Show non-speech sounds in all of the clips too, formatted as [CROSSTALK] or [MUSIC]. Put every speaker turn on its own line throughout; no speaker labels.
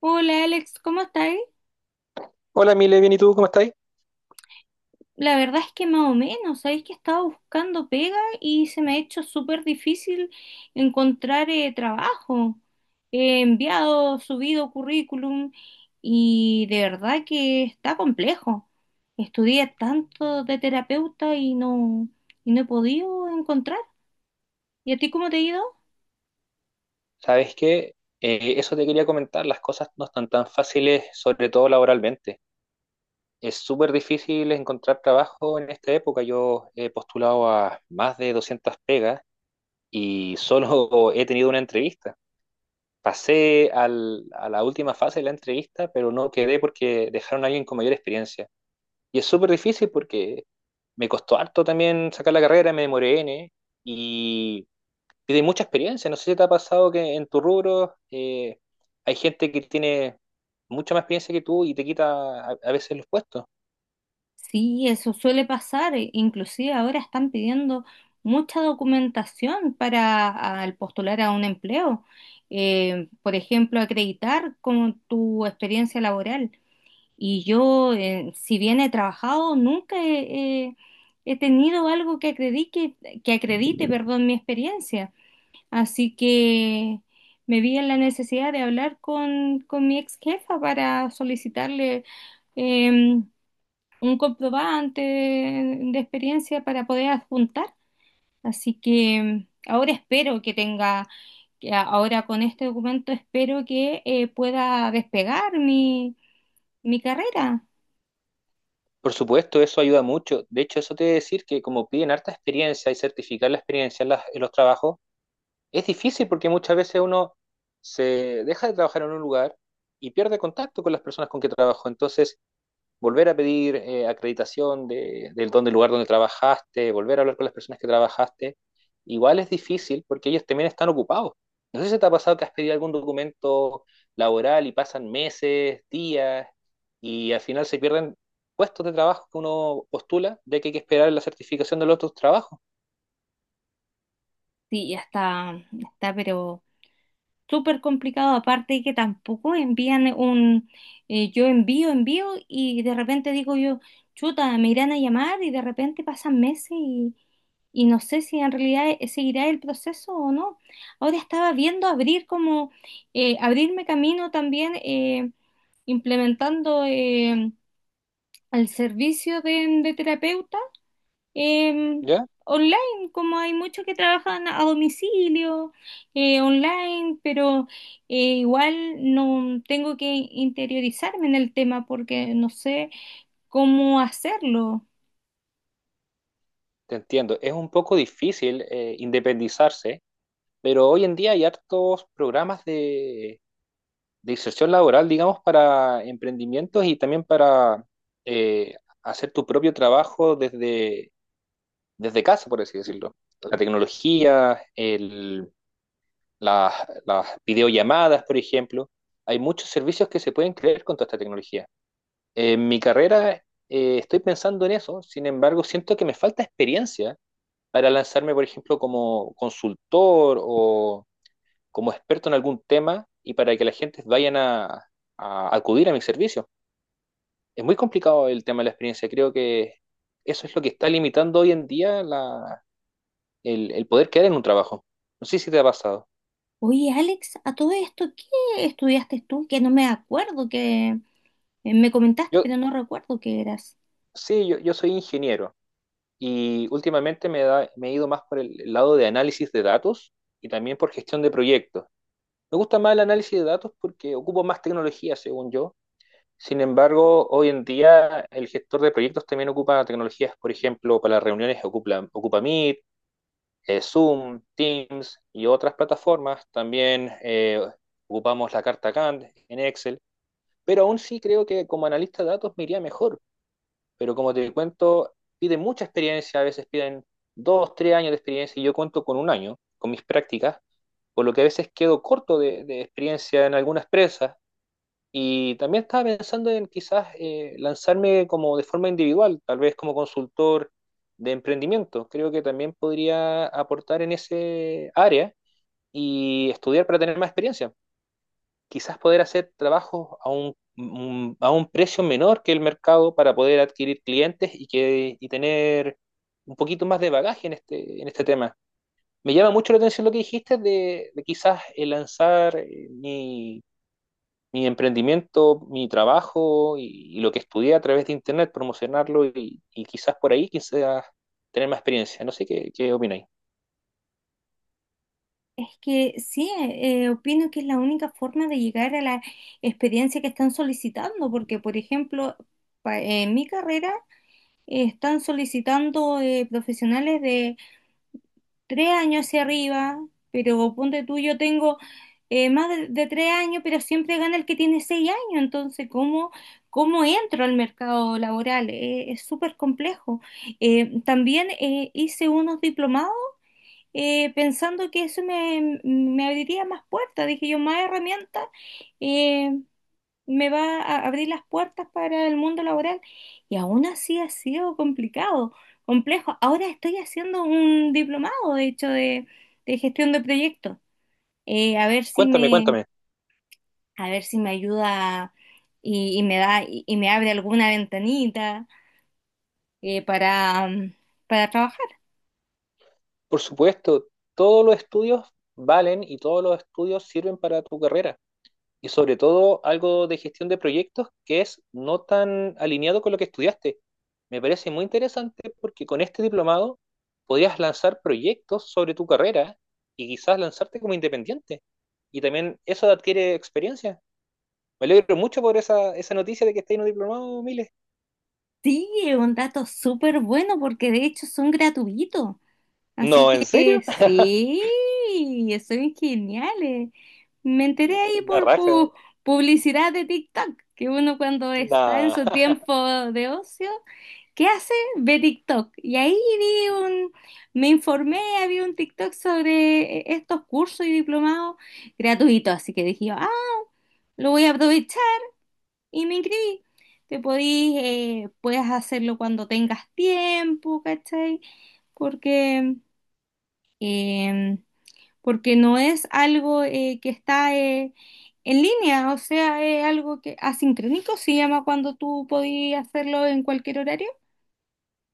Hola Alex, ¿cómo estáis?
Hola, Mile, bien, ¿y tú cómo estáis?
La verdad es que más o menos, sabéis que he estado buscando pega y se me ha hecho súper difícil encontrar trabajo. He enviado, subido currículum y de verdad que está complejo. Estudié tanto de terapeuta y no he podido encontrar. ¿Y a ti cómo te ha ido?
¿Sabes que eso te quería comentar? Las cosas no están tan fáciles, sobre todo laboralmente. Es súper difícil encontrar trabajo en esta época. Yo he postulado a más de 200 pegas y solo [LAUGHS] he tenido una entrevista. Pasé a la última fase de la entrevista, pero no quedé porque dejaron a alguien con mayor experiencia. Y es súper difícil porque me costó harto también sacar la carrera, me demoré N, y tiene mucha experiencia. No sé si te ha pasado que en tu rubro hay gente que tiene mucha más experiencia que tú y te quita a veces los puestos.
Sí, eso suele pasar. Inclusive ahora están pidiendo mucha documentación para al postular a un empleo. Por ejemplo, acreditar con tu experiencia laboral. Y yo, si bien he trabajado, nunca he, he- he tenido algo que acredite, perdón, mi experiencia. Así que me vi en la necesidad de hablar con mi ex jefa para solicitarle em, un comprobante de experiencia para poder adjuntar. Así que ahora espero que ahora con este documento espero que pueda despegar mi, mi carrera.
Por supuesto, eso ayuda mucho. De hecho, eso te debe decir que como piden harta experiencia y certificar la experiencia en los trabajos, es difícil porque muchas veces uno se deja de trabajar en un lugar y pierde contacto con las personas con que trabajó. Entonces, volver a pedir acreditación de, del, don del lugar donde trabajaste, volver a hablar con las personas que trabajaste, igual es difícil porque ellos también están ocupados. No sé si te ha pasado que has pedido algún documento laboral y pasan meses, días, y al final se pierden puestos de trabajo que uno postula, de que hay que esperar la certificación de los otros trabajos,
Sí, ya está, pero... súper complicado, aparte que tampoco envían yo envío y de repente digo yo, chuta, me irán a llamar y de repente pasan meses y no sé si en realidad seguirá el proceso o no. Ahora estaba viendo abrirme camino también implementando el servicio de terapeuta em,
¿ya?
online, como hay muchos que trabajan a domicilio, online, pero igual no tengo que interiorizarme en el tema porque no sé cómo hacerlo.
Te entiendo, es un poco difícil independizarse, pero hoy en día hay hartos programas de inserción laboral, digamos, para emprendimientos y también para eh, hacer tu propio trabajo desde, desde casa, por así decirlo. La tecnología, las, las videollamadas, por ejemplo. Hay muchos servicios que se pueden crear con toda esta tecnología. En mi carrera estoy pensando en eso, sin embargo, siento que me falta experiencia para lanzarme, por ejemplo, como consultor o como experto en algún tema y para que la gente vayan a acudir a mi servicio. Es muy complicado el tema de la experiencia. Creo que eso es lo que está limitando hoy en día el poder quedar en un trabajo. No sé si te ha pasado.
Oye, Alex, a todo esto, ¿qué estudiaste tú? Que no me acuerdo que me comentaste,
Yo,
pero no recuerdo qué eras.
sí, yo soy ingeniero y últimamente me he ido más por el lado de análisis de datos y también por gestión de proyectos. Me gusta más el análisis de datos porque ocupo más tecnología, según yo. Sin embargo, hoy en día el gestor de proyectos también ocupa tecnologías, por ejemplo, para las reuniones ocupa Meet, Zoom, Teams y otras plataformas. También ocupamos la carta Gantt en Excel, pero aún sí creo que como analista de datos me iría mejor. Pero como te cuento, piden mucha experiencia, a veces piden dos, tres años de experiencia y yo cuento con un año con mis prácticas, por lo que a veces quedo corto de experiencia en algunas empresas y también estaba pensando en quizás lanzarme como de forma individual, tal vez como consultor de emprendimiento. Creo que también podría aportar en ese área y estudiar para tener más experiencia. Quizás poder hacer trabajos a a un precio menor que el mercado para poder adquirir clientes y tener un poquito más de bagaje en este tema. Me llama mucho la atención lo que dijiste de quizás lanzar mi emprendimiento, mi trabajo y lo que estudié a través de internet, promocionarlo y quizás por ahí quizás tener más experiencia. No sé qué opináis.
Es que sí, opino que es la única forma de llegar a la experiencia que están solicitando, porque, por ejemplo, en mi carrera están solicitando profesionales de tres años hacia arriba, pero ponte tú, yo tengo más de tres años, pero siempre gana el que tiene seis años. Entonces, ¿cómo, cómo entro al mercado laboral? Es súper complejo. También hice unos diplomados pensando que eso me, me abriría más puertas, dije yo, más herramientas, eh, me va a abrir las puertas para el mundo laboral. Y aún así ha sido complicado, complejo. Ahora estoy haciendo un diplomado, de hecho, de gestión de proyectos. A ver
Cuéntame, cuéntame.
a ver si me ayuda y me da, y me abre alguna ventanita para, para trabajar.
Por supuesto, todos los estudios valen y todos los estudios sirven para tu carrera, y sobre todo algo de gestión de proyectos que es no tan alineado con lo que estudiaste. Me parece muy interesante porque con este diplomado podrías lanzar proyectos sobre tu carrera y quizás lanzarte como independiente. Y también eso adquiere experiencia. Me alegro mucho por esa, esa noticia de que estáis en un diplomado, Miles.
Sí, es un dato súper bueno porque de hecho son gratuitos. Así
No, ¿en
que
serio?
sí, estoy bien geniales. Me enteré
[LAUGHS]
ahí
La
por
raja.
publicidad de TikTok, que uno cuando está en
Nah.
su
[LAUGHS]
tiempo de ocio, ¿qué hace? Ve TikTok. Y ahí vi un, me informé, había un TikTok sobre estos cursos y diplomados gratuitos, así que dije, ah, lo voy a aprovechar y me inscribí. Puedes hacerlo cuando tengas tiempo, ¿cachai? Porque... em, porque no es algo que está en línea, o sea, es algo que asincrónico se llama cuando tú podías hacerlo en cualquier horario.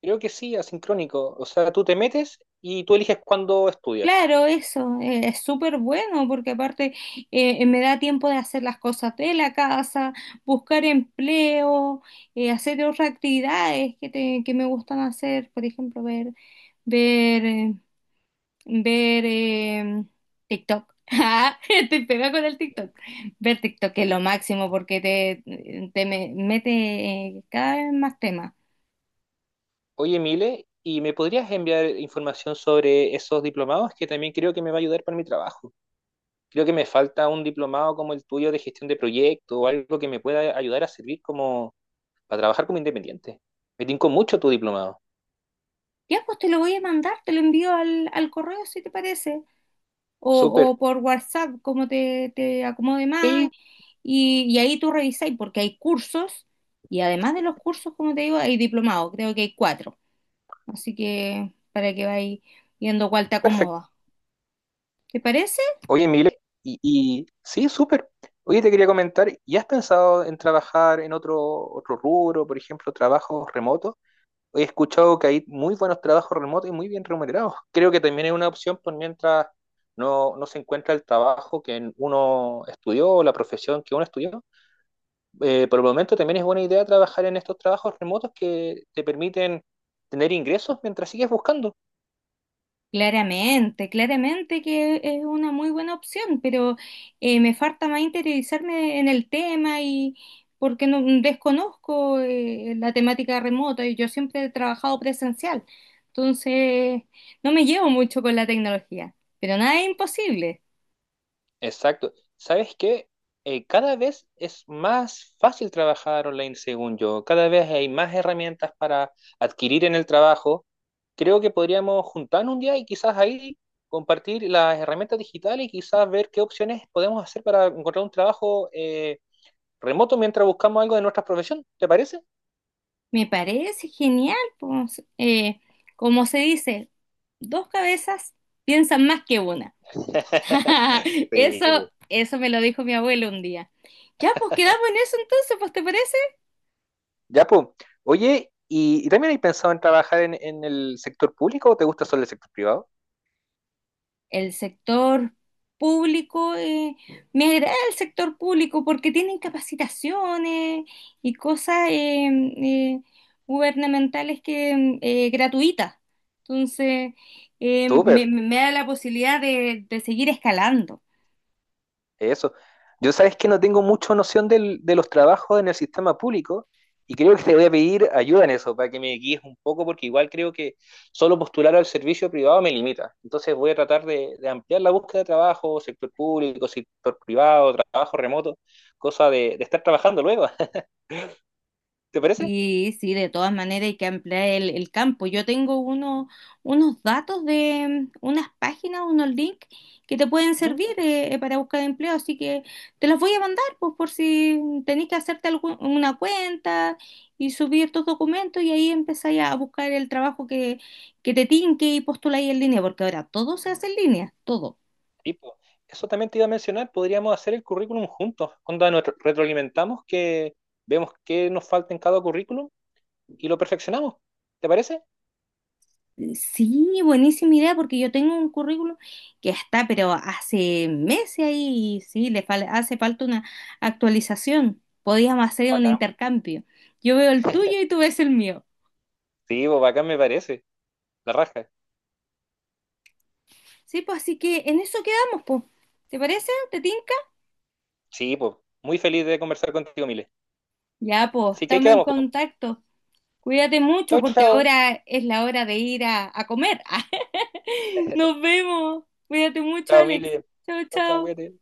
Creo que sí, asincrónico. O sea, tú te metes y tú eliges cuándo estudias.
Claro, eso es súper bueno porque aparte me da tiempo de hacer las cosas de la casa, buscar empleo, hacer otras actividades que me gustan hacer, por ejemplo, ver eh, ver TikTok. [LAUGHS] Ah, estoy pega con el TikTok. Ver TikTok es lo máximo porque te mete cada vez más temas.
Oye, Mile, ¿y me podrías enviar información sobre esos diplomados, que también creo que me va a ayudar para mi trabajo? Creo que me falta un diplomado como el tuyo de gestión de proyecto o algo que me pueda ayudar a servir como para trabajar como independiente. Me tincó mucho tu diplomado.
Ya, pues te lo voy a mandar, te lo envío al correo si te parece, o,
Súper.
o por WhatsApp, como te acomode más.
Sí,
Y ahí tú revisáis porque hay cursos y además de los cursos, como te digo, hay diplomados, creo que hay cuatro. Así que para que vayas viendo cuál te
perfecto.
acomoda. ¿Te parece?
Oye, Mile, y sí, súper. Oye, te quería comentar, ¿y has pensado en trabajar en otro, otro rubro, por ejemplo, trabajos remotos? He escuchado que hay muy buenos trabajos remotos y muy bien remunerados. Creo que también es una opción por mientras no, no se encuentra el trabajo que uno estudió o la profesión que uno estudió. Por el momento también es buena idea trabajar en estos trabajos remotos que te permiten tener ingresos mientras sigues buscando.
Claramente, claramente que es una muy buena opción, pero me falta más interiorizarme en el tema y porque no desconozco la temática remota y yo siempre he trabajado presencial. Entonces no me llevo mucho con la tecnología, pero nada es imposible.
Exacto. ¿Sabes qué? Cada vez es más fácil trabajar online, según yo. Cada vez hay más herramientas para adquirir en el trabajo. Creo que podríamos juntarnos un día y quizás ahí compartir las herramientas digitales y quizás ver qué opciones podemos hacer para encontrar un trabajo remoto mientras buscamos algo de nuestra profesión. ¿Te parece?
Me parece genial, pues, como se dice, dos cabezas piensan más que una. [LAUGHS]
[LAUGHS]
Eso,
Sí, pues.
eso me lo dijo mi abuelo un día. Ya, pues quedamos en eso entonces, pues ¿te parece?
Ya, pues. Oye, y también hay pensado en trabajar en el sector público o te gusta solo el sector privado?
El sector público, me agrada el sector público porque tienen capacitaciones y cosas eh, gubernamentales que gratuitas. Entonces,
Súper.
me da la posibilidad de seguir escalando.
Eso. Yo sabes que no tengo mucha noción de los trabajos en el sistema público y creo que te voy a pedir ayuda en eso para que me guíes un poco porque igual creo que solo postular al servicio privado me limita. Entonces voy a tratar de ampliar la búsqueda de trabajo, sector público, sector privado, trabajo remoto, cosa de estar trabajando luego. [LAUGHS] ¿Te parece?
Sí, sí, de todas maneras hay que ampliar el campo. Yo tengo unos datos de unas páginas, unos links que te pueden
Ujú.
servir para buscar empleo, así que te los voy a mandar pues, por si tenés que hacerte una cuenta y subir tus documentos y ahí empezáis a buscar el trabajo que te tinque y postuláis en línea, porque ahora todo se hace en línea, todo.
Tipo, eso también te iba a mencionar, podríamos hacer el currículum juntos, cuando nos retroalimentamos, que vemos qué nos falta en cada currículum y lo perfeccionamos. ¿Te parece?
Sí, buenísima idea, porque yo tengo un currículum que está, pero hace meses ahí, y sí, hace falta una actualización. Podíamos hacer un intercambio. Yo veo el tuyo y tú ves el mío.
Sí, pues bacán me parece. La raja.
Sí, pues así que en eso quedamos, pues. ¿Te parece? ¿Te tinca?
Sí, pues. Muy feliz de conversar contigo, Mile.
Ya, pues,
Así que ahí
estamos en
quedamos, pues.
contacto. Cuídate mucho
Chao,
porque
chao.
ahora es la hora de ir a comer. [LAUGHS] Nos
[LAUGHS]
vemos. Cuídate mucho,
Chao,
Alex.
Mile.
Chao,
Chao, chao,
chao.
cuídate.